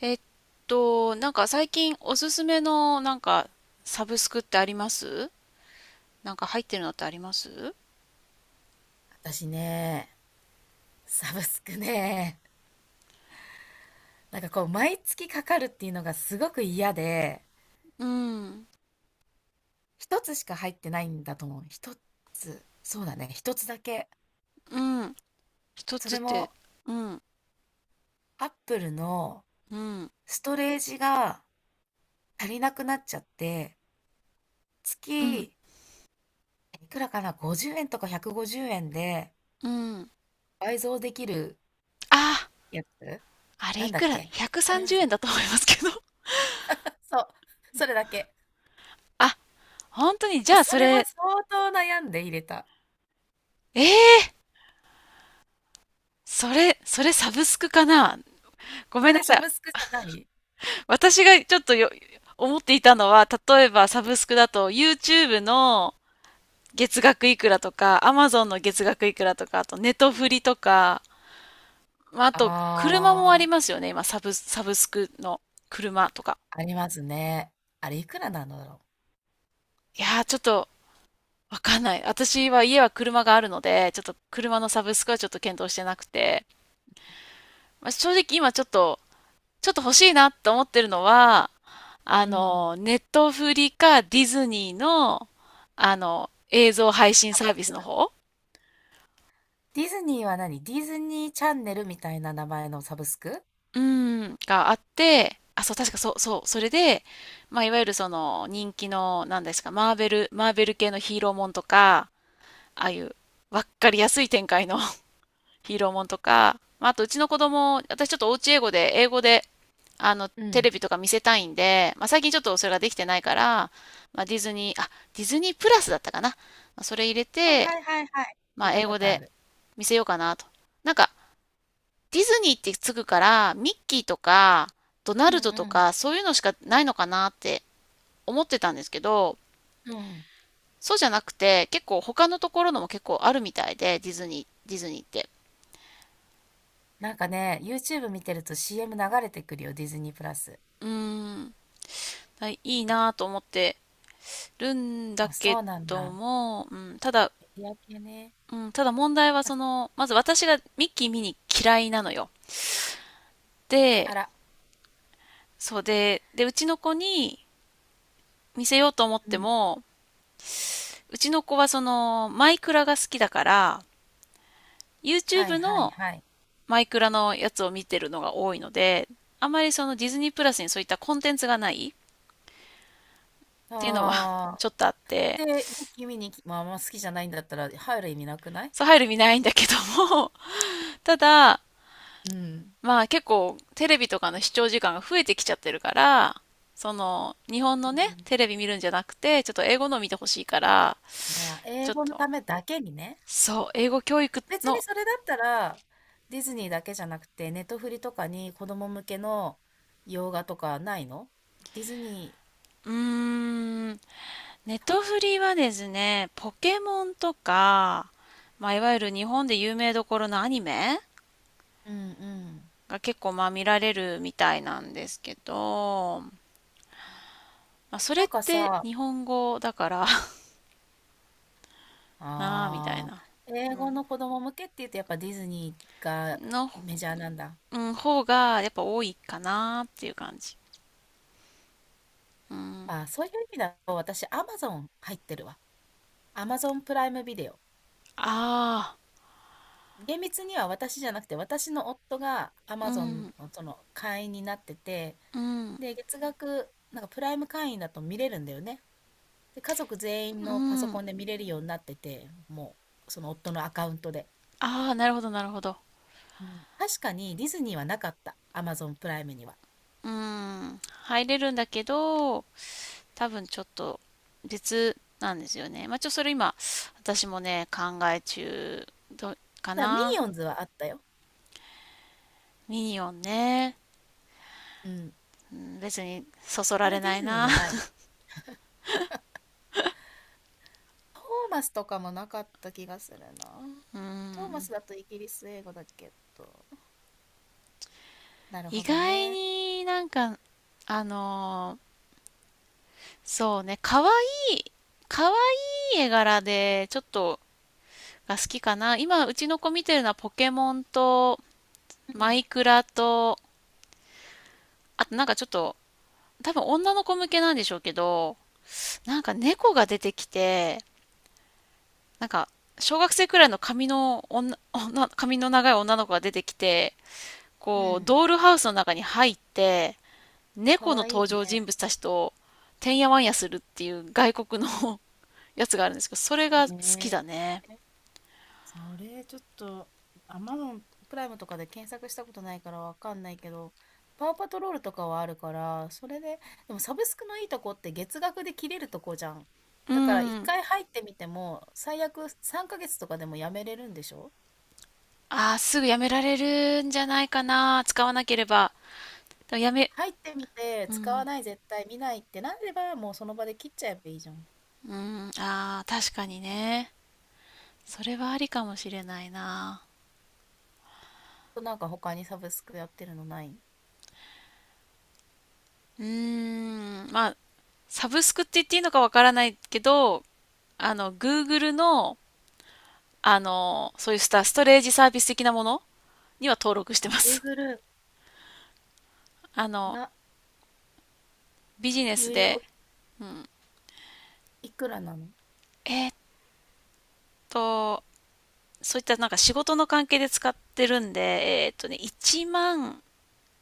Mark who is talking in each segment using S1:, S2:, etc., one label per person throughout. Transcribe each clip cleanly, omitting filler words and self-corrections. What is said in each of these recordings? S1: えっなんか最近おすすめのなんかサブスクってあります？なんか入ってるのってあります？
S2: 私ね、サブスクね、なんかこう、毎月かかるっていうのがすごく嫌で、
S1: うん、
S2: 一つしか入ってないんだと思う。一つ。そうだね、一つだけ。
S1: うん。一
S2: そ
S1: つっ
S2: れ
S1: て？
S2: も、
S1: うん、
S2: アップルの
S1: うん、
S2: ストレージが足りなくなっちゃって、
S1: うん、
S2: 月、いくらかな、50円とか150円で
S1: うん。
S2: 倍増できる
S1: あ、
S2: やつ
S1: あれ
S2: な
S1: い
S2: んだ
S1: く
S2: っ
S1: ら？
S2: け。ありま
S1: 130
S2: す。
S1: 円だと思いますけど。
S2: そう。それだけ。
S1: あ、本当にじ
S2: もう
S1: ゃあ
S2: そ
S1: そ
S2: れも
S1: れ、
S2: 相当悩んで入れた。
S1: えー、それサブスクかな？ごめ
S2: そ
S1: んな
S2: れ
S1: さ
S2: サ
S1: い。
S2: ブスクじゃない？
S1: 私がちょっとよ、思っていたのは、例えばサブスクだと YouTube の月額いくらとか、アマゾンの月額いくらとか、あとネトフリとか、まあ、あ
S2: あ
S1: と車もあり
S2: あ、
S1: ますよね、今サブスクの車とか。
S2: ありますね。あれいくらなんだろ
S1: いやー、ちょっとわかんない。私は家は車があるので、ちょっと車のサブスクはちょっと検討してなくて、まあ、正直今ちょっと欲しいなと思ってるのは、
S2: う。うん。
S1: ネットフリかディズニーの、映像配信
S2: サ
S1: サ
S2: ブ
S1: ー
S2: ス
S1: ビ
S2: ク？
S1: スの方、
S2: ディズニーは何？ディズニーチャンネルみたいな名前のサブスク？
S1: うん、があって、あ、そう、確かそう、そう、それで、まあ、いわゆるその人気の、なんですか、マーベル系のヒーローもんとか、ああいう、わっかりやすい展開の ヒーローもんとか、まあ、あとうちの子供、私ちょっとおうち英語で、
S2: う
S1: テ
S2: ん。
S1: レビとか見せたいんで、まあ、最近ちょっとそれができてないから、まあ、ディズニープラスだったかな。まあ、それ入れ
S2: はい
S1: て、
S2: はいはいはい。
S1: ま
S2: 聞い
S1: あ、
S2: た
S1: 英
S2: こ
S1: 語
S2: とあ
S1: で
S2: る。
S1: 見せようかなと。なんか、ディズニーってつくから、ミッキーとか、ドナ
S2: うん
S1: ルドと
S2: うん。
S1: か、そういうのしかないのかなって思ってたんですけど、
S2: うん。
S1: そうじゃなくて、結構他のところのも結構あるみたいで、ディズニー、ディズニーって。
S2: なんかね、YouTube 見てると CM 流れてくるよ、ディズニープラス。
S1: うーん、はい、いいなぁと思ってるんだ
S2: あ、
S1: け
S2: そうなん
S1: ど
S2: だ。
S1: も、うん、ただ、
S2: メディア系ね。
S1: うん、ただ問題は
S2: あ、
S1: その、まず私がミッキー見に嫌いなのよ。で、
S2: あら、
S1: そうで、で、うちの子に見せようと思っ
S2: う
S1: て
S2: ん。
S1: も、うちの子はその、マイクラが好きだから、
S2: はい
S1: YouTube
S2: はい
S1: の
S2: はい。
S1: マイクラのやつを見てるのが多いので、あまりそのディズニープラスにそういったコンテンツがないっていうのは
S2: ああ。
S1: ちょっとあって、
S2: で、ミッキー見に行き、まあ、あんま好きじゃないんだったら入る意味なくない？
S1: そう入る見ないんだけども、ただ、
S2: うん。
S1: まあ結構テレビとかの視聴時間が増えてきちゃってるから、その日本の
S2: う
S1: ね、
S2: ん。
S1: テレビ見るんじゃなくて、ちょっと英語の見てほしいから、
S2: ああ、
S1: ち
S2: 英
S1: ょっ
S2: 語の
S1: と、
S2: ためだけにね。
S1: そう、英語教育
S2: 別に
S1: の、
S2: それだったら、ディズニーだけじゃなくて、ネットフリとかに子供向けの洋画とかないの？ディズニ
S1: うーん、ネトフリはですね、ポケモンとか、まあ、いわゆる日本で有名どころのアニメ
S2: ー、うんうん。
S1: が結構まあ見られるみたいなんですけど、まあ、それ
S2: な
S1: っ
S2: んか
S1: て
S2: さ、
S1: 日本語だから なあみたい
S2: ああ、
S1: な
S2: 英語の子供向けって言うとやっぱディズニーが
S1: の、
S2: メジャーなんだ。
S1: うん、方がやっぱ多いかなっていう感じ。うん、
S2: ああ、そういう意味だと私、アマゾン入ってるわ。アマゾンプライムビデオ。
S1: あ
S2: 厳密には私じゃなくて、私の夫がア
S1: あ、
S2: マ
S1: う
S2: ゾン
S1: ん、
S2: のその会員になってて、
S1: うん、
S2: で、月額、なんかプライム会員だと見れるんだよね。で、家族全員
S1: う
S2: のパソコ
S1: ん、
S2: ンで見れるようになってて、もう、その夫のアカウントで。
S1: ああ、なるほどなるほど。
S2: うん。確かにディズニーはなかった。アマゾンプライムには。
S1: うん、入れるんだけど、多分ちょっと別なんですよね。まあ、ちょっとそれ今、私もね、考え中どか
S2: だからミニ
S1: な。
S2: オンズはあったよ。
S1: ミニオンね。
S2: うん。
S1: うん別にそそら
S2: あ
S1: れ
S2: れディ
S1: ない
S2: ズニー
S1: な
S2: じゃない。トーマスとかもなかった気がするな。
S1: う
S2: トーマ
S1: ん。
S2: スだとイギリス英語だけど。なる
S1: 意
S2: ほど
S1: 外
S2: ね。
S1: になんか、あのーそうね、可愛いい絵柄でちょっとが好きかな。今、うちの子見てるのはポケモンと
S2: う
S1: マイ
S2: ん。
S1: クラと、あとなんかちょっと、多分女の子向けなんでしょうけど、なんか猫が出てきて、なんか、小学生くらいの髪の髪の長い女の子が出てきて、
S2: う
S1: こう、
S2: ん。
S1: ドールハウスの中に入って、
S2: か
S1: 猫の
S2: わいい
S1: 登場人
S2: ね。
S1: 物たちと、てんやわんやするっていう外国の やつがあるんですけど、それが好きだ
S2: ね
S1: ね。
S2: え。それ、ちょっと、Amazon プライムとかで検索したことないからわかんないけど、パワーパトロールとかはあるから、それで、でもサブスクのいいとこって月額で切れるとこじゃん。
S1: う
S2: だから一
S1: ん。
S2: 回入ってみても、最悪3ヶ月とかでもやめれるんでしょ？
S1: ああ、すぐやめられるんじゃないかな。使わなければ。でもやめ、
S2: 入ってみて、使わない、絶対見ないってなれば、もうその場で切っちゃえばいいじゃん。
S1: うん、ああ、確かにね。それはありかもしれないな。
S2: なんか他にサブスクやってるのない？
S1: うーん、まあ、サブスクって言っていいのかわからないけど、Google の、そういうストレージサービス的なものには登録して
S2: あ、
S1: ます。
S2: Google
S1: あの、
S2: な、
S1: ビジネ
S2: 有
S1: スで、
S2: 料いくらなの？
S1: えーっと、そういったなんか仕事の関係で使ってるんで、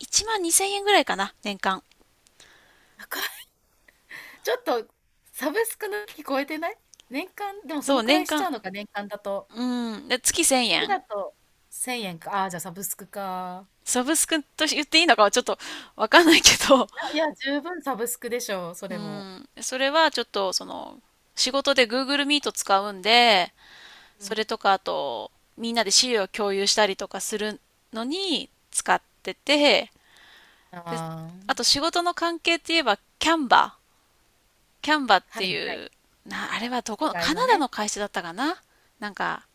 S1: 1万2000円ぐらいかな、年間。
S2: 高。ちょっとサブスクの聞超えてない？年間、でもそ
S1: そう、
S2: のくら
S1: 年
S2: いしちゃ
S1: 間、
S2: うのか、年間だと。
S1: うん、で、月1000
S2: 月
S1: 円。
S2: だと1000円か。ああ、じゃあサブスクか。
S1: サブスクと言っていいのかはちょっとわかんないけど、
S2: いや、いや、十分サブスクでしょう、そ
S1: う
S2: れも。
S1: ん、それはちょっとその、仕事で Google Meet 使うんで、
S2: う
S1: そ
S2: ん。
S1: れとかあと、みんなで資料を共有したりとかするのに使ってて、で、
S2: あ
S1: あと
S2: あ、
S1: 仕事の関係って言えば、キャンバー。キャンバーっ
S2: は
S1: て
S2: い
S1: い
S2: はい。
S1: う、あれはどこ
S2: 素
S1: の、
S2: 材
S1: カナ
S2: の
S1: ダ
S2: ね。
S1: の会社だったかな。なんか、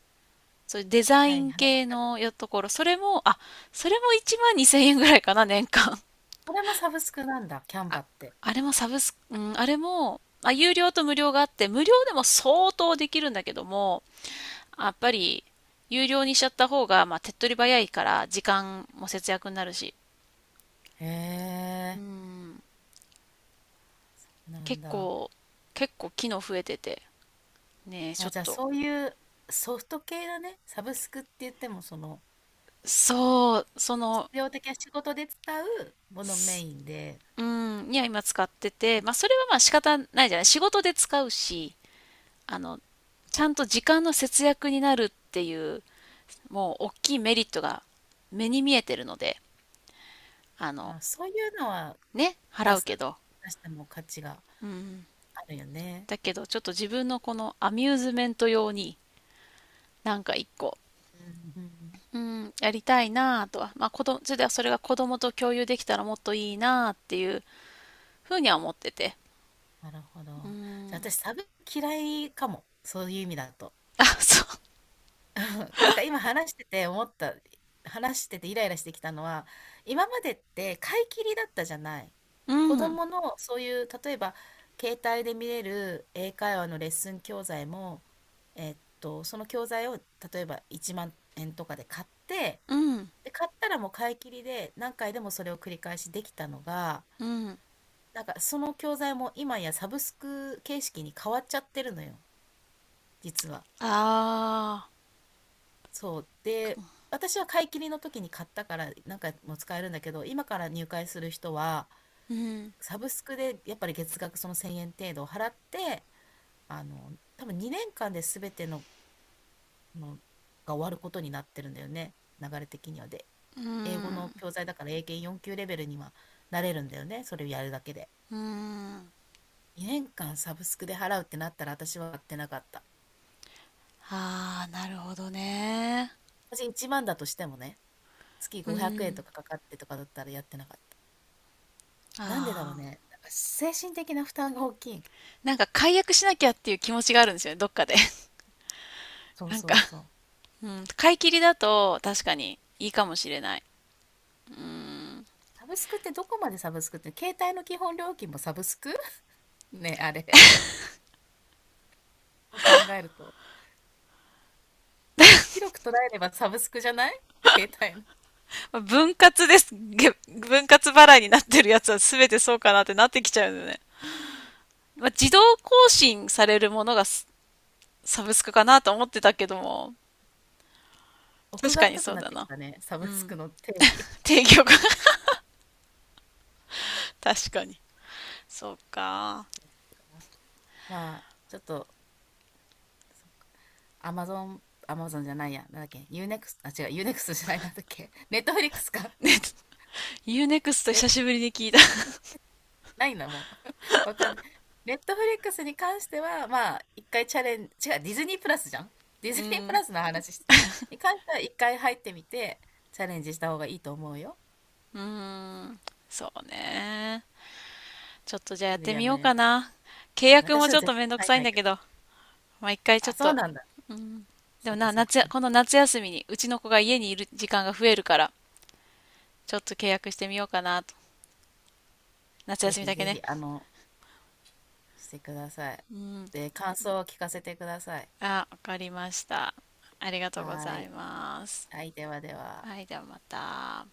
S1: そういうデザ
S2: は
S1: イ
S2: い
S1: ン
S2: はい、わ
S1: 系
S2: かる。
S1: のよところ、それも1万2000円ぐらいかな、年間。
S2: これもサブスクなんだ、キャンバ
S1: あ、
S2: って。
S1: あれもサブス、うん、あれも、まあ、有料と無料があって、無料でも相当できるんだけども、やっぱり、有料にしちゃった方が、まあ、手っ取り早いから、時間も節約になるし。
S2: へ
S1: う
S2: え、
S1: ん。
S2: なん
S1: 結
S2: だ。
S1: 構、結構機能増えてて。ねえ、ち
S2: あ、
S1: ょっ
S2: じゃあ
S1: と。
S2: そういうソフト系だね。サブスクって言っても、その、
S1: そう、その、
S2: 必要的な仕事で使うものメ
S1: す
S2: インで、
S1: うん、には今使ってて、まあ、それはまあ仕方ないじゃない。仕事で使うし、あの、ちゃんと時間の節約になるっていう、もう大きいメリットが目に見えてるので、あの、
S2: あ、そういうのは
S1: ね、払
S2: 出
S1: う
S2: す
S1: けど。
S2: 出しても価値があるよね。
S1: だけど、ちょっと自分のこのアミューズメント用に、なんか一個、
S2: うんうん。
S1: うん、やりたいなぁとは、まあ、それではそれが子供と共有できたらもっといいなぁっていうふうには思ってて。
S2: なるほど。じゃあ私、嫌いかも、そういう意味だと。
S1: あ、そ
S2: なんか今話してて思った、話しててイライラしてきたのは、今までって買い切りだったじゃない。
S1: う。う
S2: 子
S1: ん、
S2: 供のそういう、例えば携帯で見れる英会話のレッスン教材も、その教材を例えば1万円とかで買って、
S1: うん、
S2: で、買ったらもう買い切りで何回でもそれを繰り返しできたのが、
S1: うん。
S2: なんかその教材も今やサブスク形式に変わっちゃってるのよ、実は。
S1: ああ、
S2: そう。で、私は買い切りの時に買ったから、何回も使えるんだけど、今から入会する人は、
S1: うん、
S2: サブスクでやっぱり月額その1000円程度を払って、多分2年間で全ての、のが終わることになってるんだよね。流れ的にはで。
S1: う
S2: 英語の
S1: ん、
S2: 教材だから英検4級レベルにはなれるんだよね。それをやるだけで。
S1: うん。
S2: 2年間サブスクで払うってなったら私はやってなかった。
S1: ああ、なるほどね。
S2: 私1万だとしてもね、月
S1: う
S2: 500円と
S1: ん、
S2: かかかってとかだったらやってなかった。なんでだろう
S1: あ
S2: ね。なん
S1: あ。
S2: か精神的な負担が大きい。
S1: なんか解約しなきゃっていう気持ちがあるんですよね、どっかで。
S2: そ う
S1: なん
S2: そ
S1: か、
S2: うそう。
S1: うん、買い切りだと確かにいいかもしれない。
S2: サブスクってどこまでサブスクって、携帯の基本料金もサブスク ね、あれ。そう考えると。広く捉えればサブスクじゃない？携帯の。
S1: まあ分割です。分割払いになってるやつは全てそうかなってなってきちゃうのね。まあ、自動更新されるものがサブスクかなと思ってたけども、
S2: 奥
S1: 確
S2: が
S1: かに
S2: 深く
S1: そう
S2: なっ
S1: だ
S2: てき
S1: な。
S2: たね。サブスクの定義。
S1: 提供が 確かに。そうか。
S2: そっか。まあ、ちょっと、そっか。アマゾン、アマゾンじゃないや。なんだっけ？ Unext、あ、違う、Unext じゃない、なんだっけ？ Netflix か。
S1: ね、ユーネクスト久しぶりに聞いた。
S2: ないな、もう。わかんない。ネットフリックスに関しては、まあ、一回チャレンジ、違う、ディズニープラスじゃん？ディ
S1: う
S2: ズニープ
S1: ん。
S2: ラスの話してる。に関しては、一回入ってみて、チャレンジした方がいいと思うよ。
S1: うん。そうね。ちょっとじゃあや
S2: す
S1: っ
S2: ぐ
S1: て
S2: や
S1: み
S2: め
S1: よう
S2: れる
S1: か
S2: か
S1: な。契
S2: ら。
S1: 約も
S2: 私は
S1: ちょっ
S2: 絶
S1: とめんどく
S2: 対入ん
S1: さいん
S2: ない
S1: だ
S2: け
S1: け
S2: ど。
S1: ど、まあ、一回ちょ
S2: あ、
S1: っ
S2: そう
S1: と、
S2: なんだ。
S1: で
S2: そ
S1: も
S2: っか
S1: な、
S2: そっか。
S1: この夏休みに、うちの子が家にいる時間が増えるから、ちょっと契約してみようかなと。夏
S2: ぜ
S1: 休み
S2: ひ
S1: だけ
S2: ぜ
S1: ね。
S2: ひ、してください。で、感想を聞かせてください。
S1: あ、わかりました。ありが
S2: は
S1: とうご
S2: ー
S1: ざい
S2: い。
S1: ます。
S2: はい、ではでは。
S1: はい、ではまた。